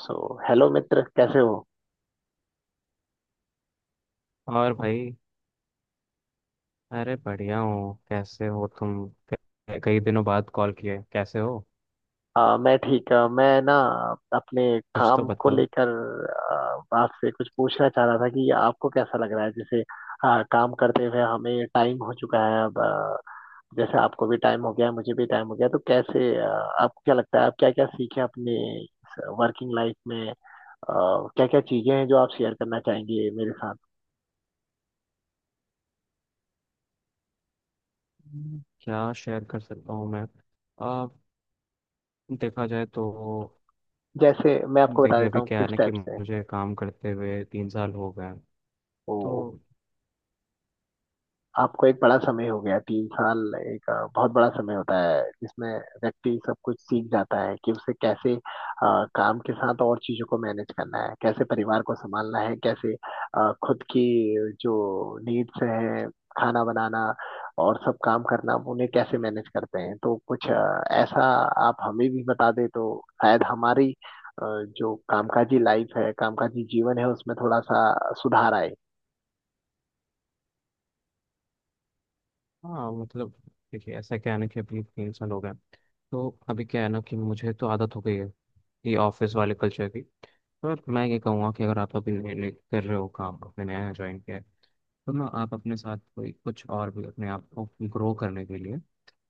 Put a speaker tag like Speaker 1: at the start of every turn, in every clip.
Speaker 1: सो hello मित्र, कैसे हो।
Speaker 2: और भाई। अरे, बढ़िया हूँ। कैसे हो तुम? कई दिनों बाद कॉल किए, कैसे हो?
Speaker 1: मैं ठीक, मैं ना अपने
Speaker 2: कुछ तो
Speaker 1: काम को
Speaker 2: बताओ।
Speaker 1: लेकर आपसे कुछ पूछना चाह रहा था कि आपको कैसा लग रहा है। जैसे काम करते हुए हमें टाइम हो चुका है अब, जैसे आपको भी टाइम हो गया है, मुझे भी टाइम हो गया है, तो कैसे, आपको क्या लगता है आप क्या क्या सीखे अपने वर्किंग लाइफ में, क्या क्या चीजें हैं जो आप शेयर करना चाहेंगे मेरे साथ।
Speaker 2: क्या शेयर कर सकता हूँ मैं? आ, देखा जाए तो
Speaker 1: जैसे मैं आपको बता
Speaker 2: देखिए,
Speaker 1: देता
Speaker 2: अभी
Speaker 1: हूँ
Speaker 2: क्या है
Speaker 1: किस
Speaker 2: ना कि
Speaker 1: टाइप
Speaker 2: मुझे काम करते हुए तीन साल हो गए हैं।
Speaker 1: से,
Speaker 2: तो
Speaker 1: आपको एक बड़ा समय हो गया। 3 साल एक बहुत बड़ा समय होता है जिसमें व्यक्ति सब कुछ सीख जाता है कि उसे कैसे काम के साथ और चीजों को मैनेज करना है, कैसे परिवार को संभालना है, कैसे खुद की जो नीड्स हैं, खाना बनाना और सब काम करना, उन्हें कैसे मैनेज करते हैं। तो कुछ ऐसा आप हमें भी बता दें तो शायद हमारी जो कामकाजी लाइफ है, कामकाजी जीवन है, उसमें थोड़ा सा सुधार आए।
Speaker 2: हाँ मतलब, देखिए ऐसा क्या है ना कि अभी तीन साल हो गए हैं। तो अभी क्या है ना कि मुझे तो आदत हो गई है ये ऑफिस वाले कल्चर की। पर मैं ये कहूँगा कि अगर आप अभी नए नए कर रहे हो काम, अपने नया ज्वाइन किया है, तो ना आप अपने साथ कोई कुछ और भी अपने आप को ग्रो करने के लिए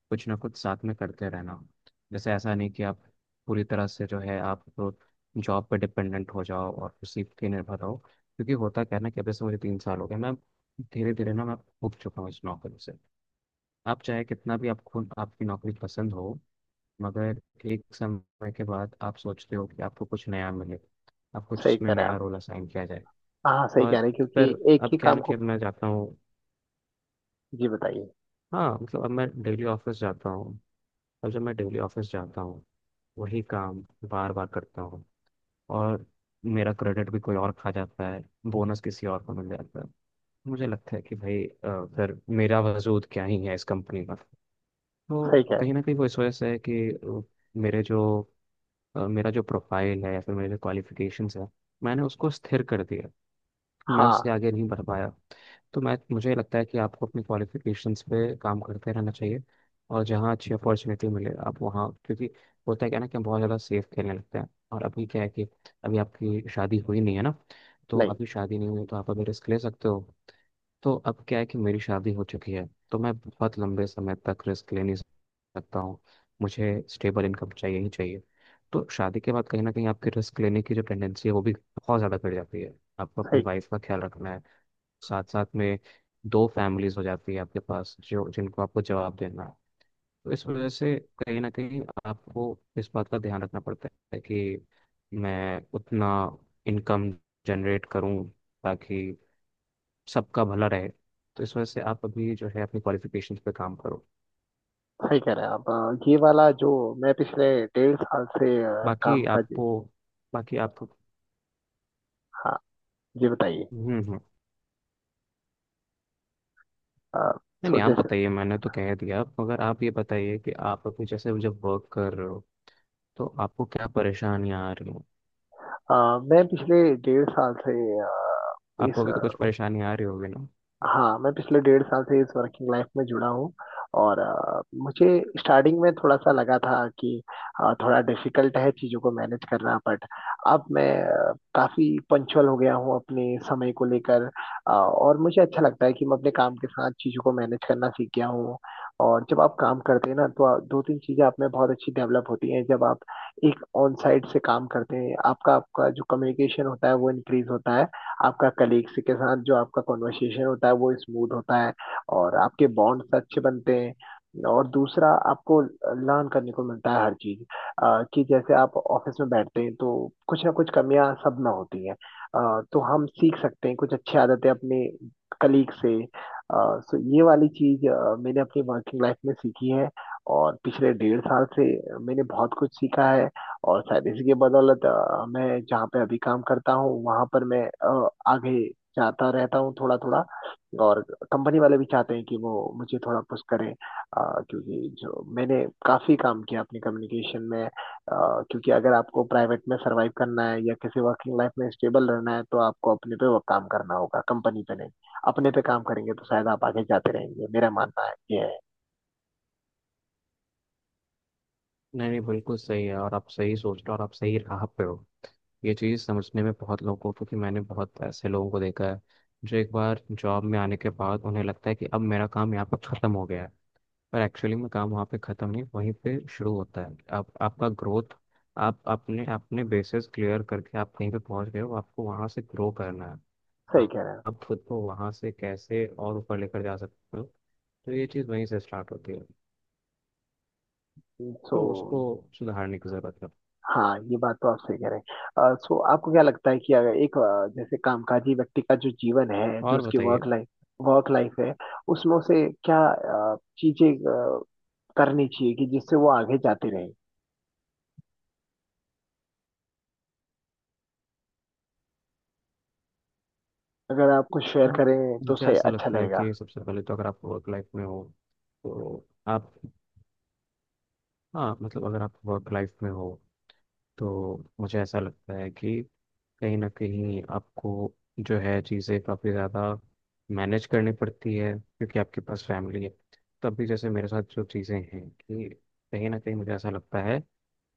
Speaker 2: कुछ ना कुछ साथ में करते रहना। जैसे ऐसा नहीं कि आप पूरी तरह से जो है आप तो जॉब पे डिपेंडेंट हो जाओ और उसी पे निर्भर रहो, क्योंकि होता क्या है ना कि अब जैसे मुझे तीन साल हो गए, मैं धीरे धीरे ना, मैं उब चुका हूँ इस नौकरी से। आप चाहे कितना भी आपको आपकी नौकरी पसंद हो, मगर एक समय के बाद आप सोचते हो कि आपको कुछ नया मिले, आप कुछ
Speaker 1: सही
Speaker 2: उसमें
Speaker 1: करें।
Speaker 2: नया रोल असाइन किया जाए।
Speaker 1: हाँ, सही
Speaker 2: और
Speaker 1: कह रहे हैं, क्योंकि
Speaker 2: फिर
Speaker 1: एक
Speaker 2: अब
Speaker 1: ही
Speaker 2: क्या है
Speaker 1: काम
Speaker 2: ना कि
Speaker 1: को।
Speaker 2: अब मैं जाता हूँ।
Speaker 1: जी बताइए।
Speaker 2: हाँ मतलब, अब मैं डेली ऑफिस जाता हूँ। अब जब मैं डेली ऑफिस जाता हूँ, वही काम बार बार करता हूँ। और मेरा क्रेडिट भी कोई और खा जाता है, बोनस किसी और को मिल जाता है। मुझे लगता है कि भाई, फिर मेरा वजूद क्या ही है इस कंपनी का।
Speaker 1: सही
Speaker 2: तो
Speaker 1: कह रहे
Speaker 2: कहीं
Speaker 1: हैं।
Speaker 2: ना कहीं वो इस वजह से है कि मेरे जो मेरा जो प्रोफाइल है या फिर मेरे जो क्वालिफिकेशंस है, मैंने उसको स्थिर कर दिया, मैं
Speaker 1: हाँ।
Speaker 2: उससे आगे नहीं बढ़ पाया। तो मैं मुझे लगता है कि आपको अपनी क्वालिफिकेशंस पे काम करते रहना चाहिए और जहाँ अच्छी अपॉर्चुनिटी मिले आप वहाँ, क्योंकि होता है क्या ना कि हम बहुत ज़्यादा सेफ खेलने लगते हैं। और अभी क्या है कि अभी आपकी शादी हुई नहीं है ना? तो
Speaker 1: नहीं।
Speaker 2: अभी शादी नहीं हुई तो आप अभी रिस्क ले सकते हो। तो अब क्या है कि मेरी शादी हो चुकी है, तो मैं बहुत लंबे समय तक रिस्क ले नहीं सकता हूँ, मुझे स्टेबल इनकम चाहिए ही चाहिए। तो शादी के बाद कहीं ना कहीं आपकी रिस्क लेने की जो टेंडेंसी है वो भी बहुत ज़्यादा बढ़ जाती है। आपको अपनी
Speaker 1: सही।
Speaker 2: वाइफ का ख्याल रखना है, साथ साथ में दो फैमिलीज हो जाती है आपके पास, जो जिनको आपको जवाब देना है। तो इस वजह से कहीं ना कहीं आपको इस बात का ध्यान रखना पड़ता है कि मैं उतना इनकम जनरेट करूं ताकि सबका भला रहे। तो इस वजह से आप अभी जो है अपनी क्वालिफिकेशन पे काम करो।
Speaker 1: सही कह रहे हैं आप। ये वाला जो मैं पिछले 1.5 साल से
Speaker 2: बाकी
Speaker 1: काम का। जी।
Speaker 2: आपको बाकी आप।
Speaker 1: हाँ। जी बताइए।
Speaker 2: हम्म, हम्म।
Speaker 1: अ,
Speaker 2: नहीं,
Speaker 1: सो
Speaker 2: नहीं, आप
Speaker 1: जैसे
Speaker 2: बताइए, मैंने तो कह दिया मगर आप ये बताइए कि आप अभी जैसे जब वर्क कर रहे हो तो आपको क्या परेशानियाँ आ रही हो?
Speaker 1: मैं पिछले 1.5 साल से अ,
Speaker 2: आपको
Speaker 1: इस,
Speaker 2: अभी तो कुछ परेशानी आ रही होगी ना?
Speaker 1: हाँ मैं पिछले 1.5 साल से इस वर्किंग लाइफ में जुड़ा हूँ और मुझे स्टार्टिंग में थोड़ा सा लगा था कि थोड़ा डिफिकल्ट है चीज़ों को मैनेज करना, बट अब मैं काफ़ी पंचुअल हो गया हूँ अपने समय को लेकर। और मुझे अच्छा लगता है कि मैं अपने काम के साथ चीज़ों को मैनेज करना सीख गया हूँ। और जब आप काम करते हैं ना तो दो तीन चीज़ें आप में बहुत अच्छी डेवलप होती हैं जब आप एक ऑन साइट से काम करते हैं। आपका आपका जो कम्युनिकेशन होता है वो इंक्रीज होता है, आपका कलीग्स के साथ जो आपका कॉन्वर्सेशन होता है वो स्मूथ होता है, और आपके बॉन्ड्स अच्छे बनते हैं। और दूसरा, आपको लर्न करने को मिलता है हर चीज, कि जैसे आप ऑफिस में बैठते हैं तो कुछ ना कुछ कमियां सब में होती हैं, तो हम सीख सकते हैं कुछ अच्छी आदतें अपने कलीग से। सो ये वाली चीज मैंने अपनी वर्किंग लाइफ में सीखी है, और पिछले 1.5 साल से मैंने बहुत कुछ सीखा है। और शायद इसी की बदौलत मैं जहाँ पे अभी काम करता हूँ वहां पर मैं आगे जाता रहता हूँ थोड़ा थोड़ा। और कंपनी वाले भी चाहते हैं कि वो मुझे थोड़ा पुश करें, क्योंकि जो मैंने काफी काम किया अपनी कम्युनिकेशन में, क्योंकि अगर आपको प्राइवेट में सरवाइव करना है या किसी वर्किंग लाइफ में स्टेबल रहना है तो आपको अपने पे वो काम करना होगा, कंपनी पे नहीं। अपने पे काम करेंगे तो शायद आप आगे जाते रहेंगे, मेरा मानना है ये है।
Speaker 2: नहीं, नहीं, बिल्कुल सही है और आप सही सोच रहे हो और आप सही राह पे हो। ये चीज़ समझने में बहुत लोगों को, क्योंकि मैंने बहुत ऐसे लोगों को देखा है जो एक बार जॉब में आने के बाद उन्हें लगता है कि अब मेरा काम यहाँ पर ख़त्म हो गया है। पर एक्चुअली में काम वहाँ पे ख़त्म नहीं, वहीं पे शुरू होता है आप आपका ग्रोथ। आप अपने अपने बेसिस क्लियर करके आप कहीं पे पहुँच गए हो, आपको वहाँ से ग्रो करना है।
Speaker 1: सही
Speaker 2: आ-
Speaker 1: कह रहे
Speaker 2: आप खुद को वहाँ से कैसे और ऊपर लेकर जा सकते हो। तो ये चीज़ वहीं से स्टार्ट होती है,
Speaker 1: हैं। सो
Speaker 2: तो उसको सुधारने की ज़रूरत है।
Speaker 1: हाँ, ये बात तो आप सही कह रहे हैं। सो आपको क्या लगता है कि अगर एक जैसे कामकाजी व्यक्ति का जो जीवन है, जो
Speaker 2: और
Speaker 1: उसकी
Speaker 2: बताइए।
Speaker 1: वर्क लाइफ है, उसमें उसे क्या चीजें करनी चाहिए कि जिससे वो आगे जाते रहे। अगर आप कुछ शेयर
Speaker 2: आप-
Speaker 1: करें तो
Speaker 2: मुझे
Speaker 1: सही,
Speaker 2: ऐसा
Speaker 1: अच्छा
Speaker 2: लगता है
Speaker 1: लगेगा।
Speaker 2: कि सबसे पहले तो अगर आप वर्क लाइफ में हो तो आप हाँ मतलब, अगर आप वर्क लाइफ में हो तो मुझे ऐसा लगता है कि कहीं ना कहीं आपको जो है चीज़ें काफ़ी ज़्यादा मैनेज करनी पड़ती है, क्योंकि आपके पास फैमिली है। तब भी जैसे मेरे साथ जो चीज़ें हैं कि कहीं ना कहीं मुझे ऐसा लगता है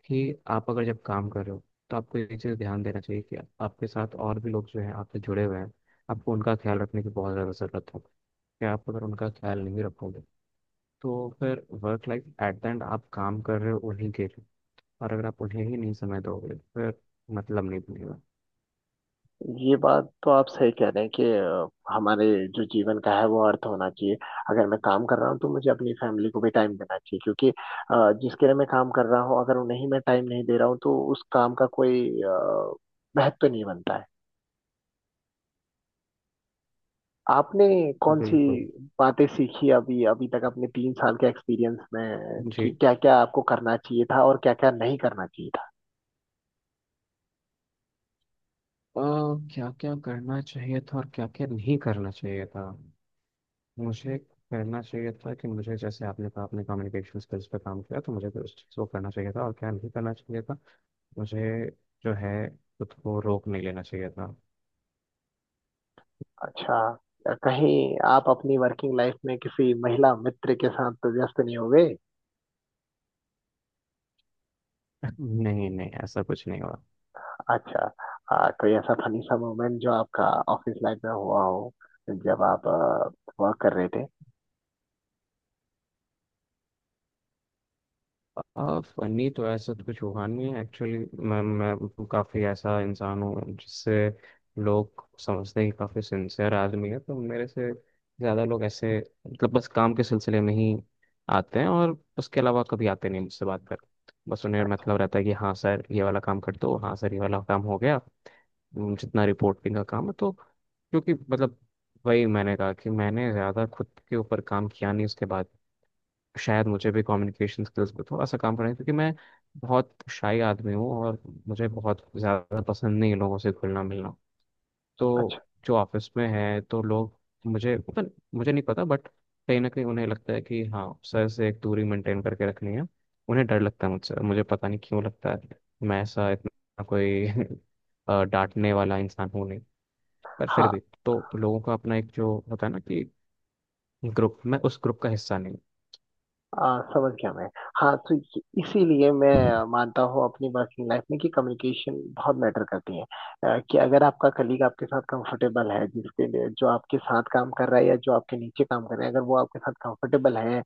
Speaker 2: कि आप अगर जब काम कर रहे हो तो आपको ये चीज़ ध्यान देना चाहिए कि आपके साथ और भी लोग जो हैं आपसे जुड़े हुए हैं, आपको उनका ख्याल रखने की बहुत ज़्यादा ज़रूरत है। कि आप अगर उनका ख्याल नहीं रखोगे तो फिर work life at the end आप काम कर रहे हो उन्हीं के लिए, और अगर आप उन्हें ही नहीं समय दोगे तो फिर मतलब नहीं बनेगा।
Speaker 1: ये बात तो आप सही कह रहे हैं कि हमारे जो जीवन का है वो अर्थ होना चाहिए। अगर मैं काम कर रहा हूँ तो मुझे अपनी फैमिली को भी टाइम देना चाहिए क्योंकि जिसके लिए मैं काम कर रहा हूँ, अगर उन्हें ही मैं टाइम नहीं दे रहा हूँ तो उस काम का कोई महत्व नहीं बनता है। आपने कौन सी
Speaker 2: बिल्कुल।
Speaker 1: बातें सीखी अभी, अभी तक अपने 3 साल के एक्सपीरियंस में, कि
Speaker 2: जी।
Speaker 1: क्या क्या आपको करना चाहिए था और क्या क्या नहीं करना चाहिए था।
Speaker 2: क्या क्या करना चाहिए था और क्या क्या नहीं करना चाहिए था। मुझे करना चाहिए था कि मुझे, जैसे आपने कहा, आपने कम्युनिकेशन स्किल्स पे काम किया, तो मुझे उस चीज़ को करना चाहिए था। और क्या नहीं करना चाहिए था, मुझे जो है खुद को रोक नहीं लेना चाहिए था।
Speaker 1: अच्छा, कहीं आप अपनी वर्किंग लाइफ में किसी महिला मित्र के साथ तो व्यस्त नहीं हो गए?
Speaker 2: नहीं, नहीं, ऐसा कुछ नहीं हुआ।
Speaker 1: अच्छा। कोई ऐसा फनी सा मोमेंट जो आपका ऑफिस लाइफ में हुआ हो जब आप वर्क कर रहे थे?
Speaker 2: फनी तो ऐसा तो कुछ हुआ नहीं है एक्चुअली। मैं काफ़ी ऐसा इंसान हूँ जिससे लोग समझते हैं कि काफ़ी सिंसियर आदमी है, तो मेरे से ज़्यादा लोग ऐसे मतलब बस काम के सिलसिले में ही आते हैं और उसके अलावा कभी आते नहीं मुझसे बात कर। बस उन्हें
Speaker 1: अच्छा।
Speaker 2: मतलब रहता है कि हाँ सर ये वाला काम कर दो, हाँ सर ये वाला काम हो गया। जितना रिपोर्टिंग का काम है, तो क्योंकि मतलब वही मैंने कहा कि मैंने ज़्यादा खुद के ऊपर काम किया नहीं। उसके बाद शायद मुझे भी कम्युनिकेशन स्किल्स पे थोड़ा सा काम करना है, क्योंकि मैं बहुत शाई आदमी हूँ और मुझे बहुत ज़्यादा पसंद नहीं है लोगों से घुलना मिलना। तो
Speaker 1: अच्छा।
Speaker 2: जो ऑफिस में है तो लोग मुझे, मतलब मुझे नहीं पता, बट कहीं ना कहीं उन्हें लगता है कि हाँ सर से एक दूरी मेंटेन करके रखनी है। उन्हें डर लगता है मुझसे और मुझे पता नहीं क्यों लगता है, मैं ऐसा इतना कोई डांटने वाला इंसान हूँ नहीं। पर फिर भी
Speaker 1: हाँ।
Speaker 2: तो लोगों का अपना एक जो होता है ना कि ग्रुप, मैं उस ग्रुप का हिस्सा नहीं
Speaker 1: समझ गया मैं। हाँ, तो इसीलिए मैं
Speaker 2: हूँ।
Speaker 1: मानता हूँ अपनी वर्किंग लाइफ में कि कम्युनिकेशन बहुत मैटर करती है। कि अगर आपका कलीग आपके साथ कंफर्टेबल है, जिसके लिए जो आपके साथ काम कर रहा है या जो आपके नीचे काम कर रहे हैं, अगर वो आपके साथ कंफर्टेबल है,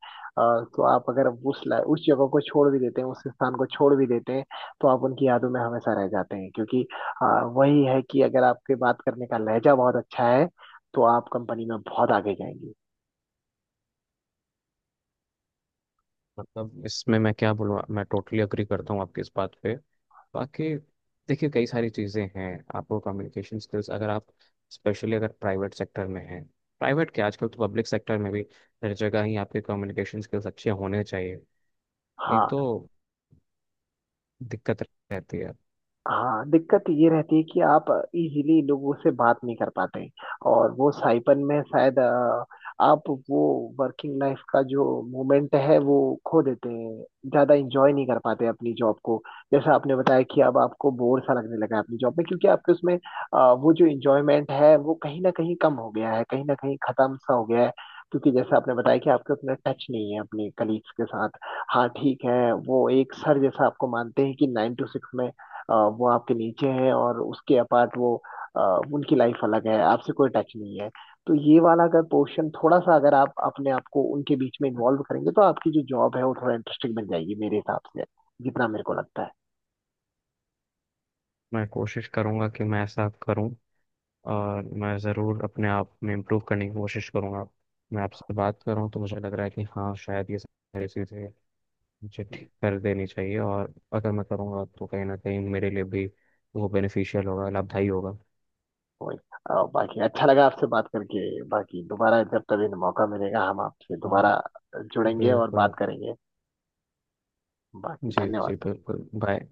Speaker 1: तो आप अगर उस जगह को छोड़ भी देते हैं, उस स्थान को छोड़ भी देते हैं, तो आप उनकी यादों में हमेशा रह जाते हैं क्योंकि वही है कि अगर आपके बात करने का लहजा बहुत अच्छा है तो आप कंपनी में बहुत आगे जाएंगे।
Speaker 2: मतलब इसमें मैं क्या बोलूँ, मैं टोटली अग्री करता हूँ आपकी इस बात पे। बाकी देखिए, कई सारी चीज़ें हैं, आपको कम्युनिकेशन स्किल्स अगर आप, स्पेशली अगर प्राइवेट सेक्टर में हैं, प्राइवेट क्या आजकल तो पब्लिक सेक्टर में भी, हर जगह ही आपके कम्युनिकेशन स्किल्स अच्छे होने चाहिए, नहीं
Speaker 1: हाँ।
Speaker 2: तो दिक्कत रहती है।
Speaker 1: हाँ, दिक्कत ये रहती है कि आप इजीली लोगों से बात नहीं कर पाते, और वो साइपन में शायद आप वो वर्किंग लाइफ का जो मोमेंट है वो खो देते हैं, ज्यादा इंजॉय नहीं कर पाते अपनी जॉब को। जैसा आपने बताया कि अब आपको बोर सा लगने लगा है अपनी जॉब में, क्योंकि आपके उसमें वो जो इंजॉयमेंट है वो कहीं ना कहीं कम हो गया है, कहीं ना कहीं खत्म सा हो गया है, क्योंकि जैसा आपने बताया कि आपके उतना टच नहीं है अपने कलीग्स के साथ। हाँ ठीक है, वो एक सर जैसा आपको मानते हैं कि 9 to 6 में वो आपके नीचे है और उसके अपार्ट वो अ, उनकी लाइफ अलग है, आपसे कोई टच नहीं है। तो ये वाला अगर पोर्शन थोड़ा सा अगर आप अपने आप को उनके बीच में इन्वॉल्व करेंगे तो आपकी जो जॉब है वो थोड़ा इंटरेस्टिंग बन जाएगी, मेरे हिसाब से जितना मेरे को लगता है।
Speaker 2: मैं कोशिश करूँगा कि मैं ऐसा करूँ और मैं ज़रूर अपने आप में इम्प्रूव करने की कोशिश करूँगा। मैं आपसे बात कर रहा हूँ तो मुझे लग रहा है कि हाँ शायद ये सारी चीज़ें मुझे ठीक कर देनी चाहिए, और अगर मैं करूँगा तो कहीं ना कहीं मेरे लिए भी वो बेनिफिशियल होगा, लाभदायी होगा।
Speaker 1: वही। बाकी अच्छा लगा आपसे बात करके, बाकी दोबारा जब तभी मौका मिलेगा हम आपसे
Speaker 2: हाँ,
Speaker 1: दोबारा जुड़ेंगे और
Speaker 2: बिल्कुल।
Speaker 1: बात करेंगे। बाकी
Speaker 2: जी, जी,
Speaker 1: धन्यवाद।
Speaker 2: बिल्कुल, बाय।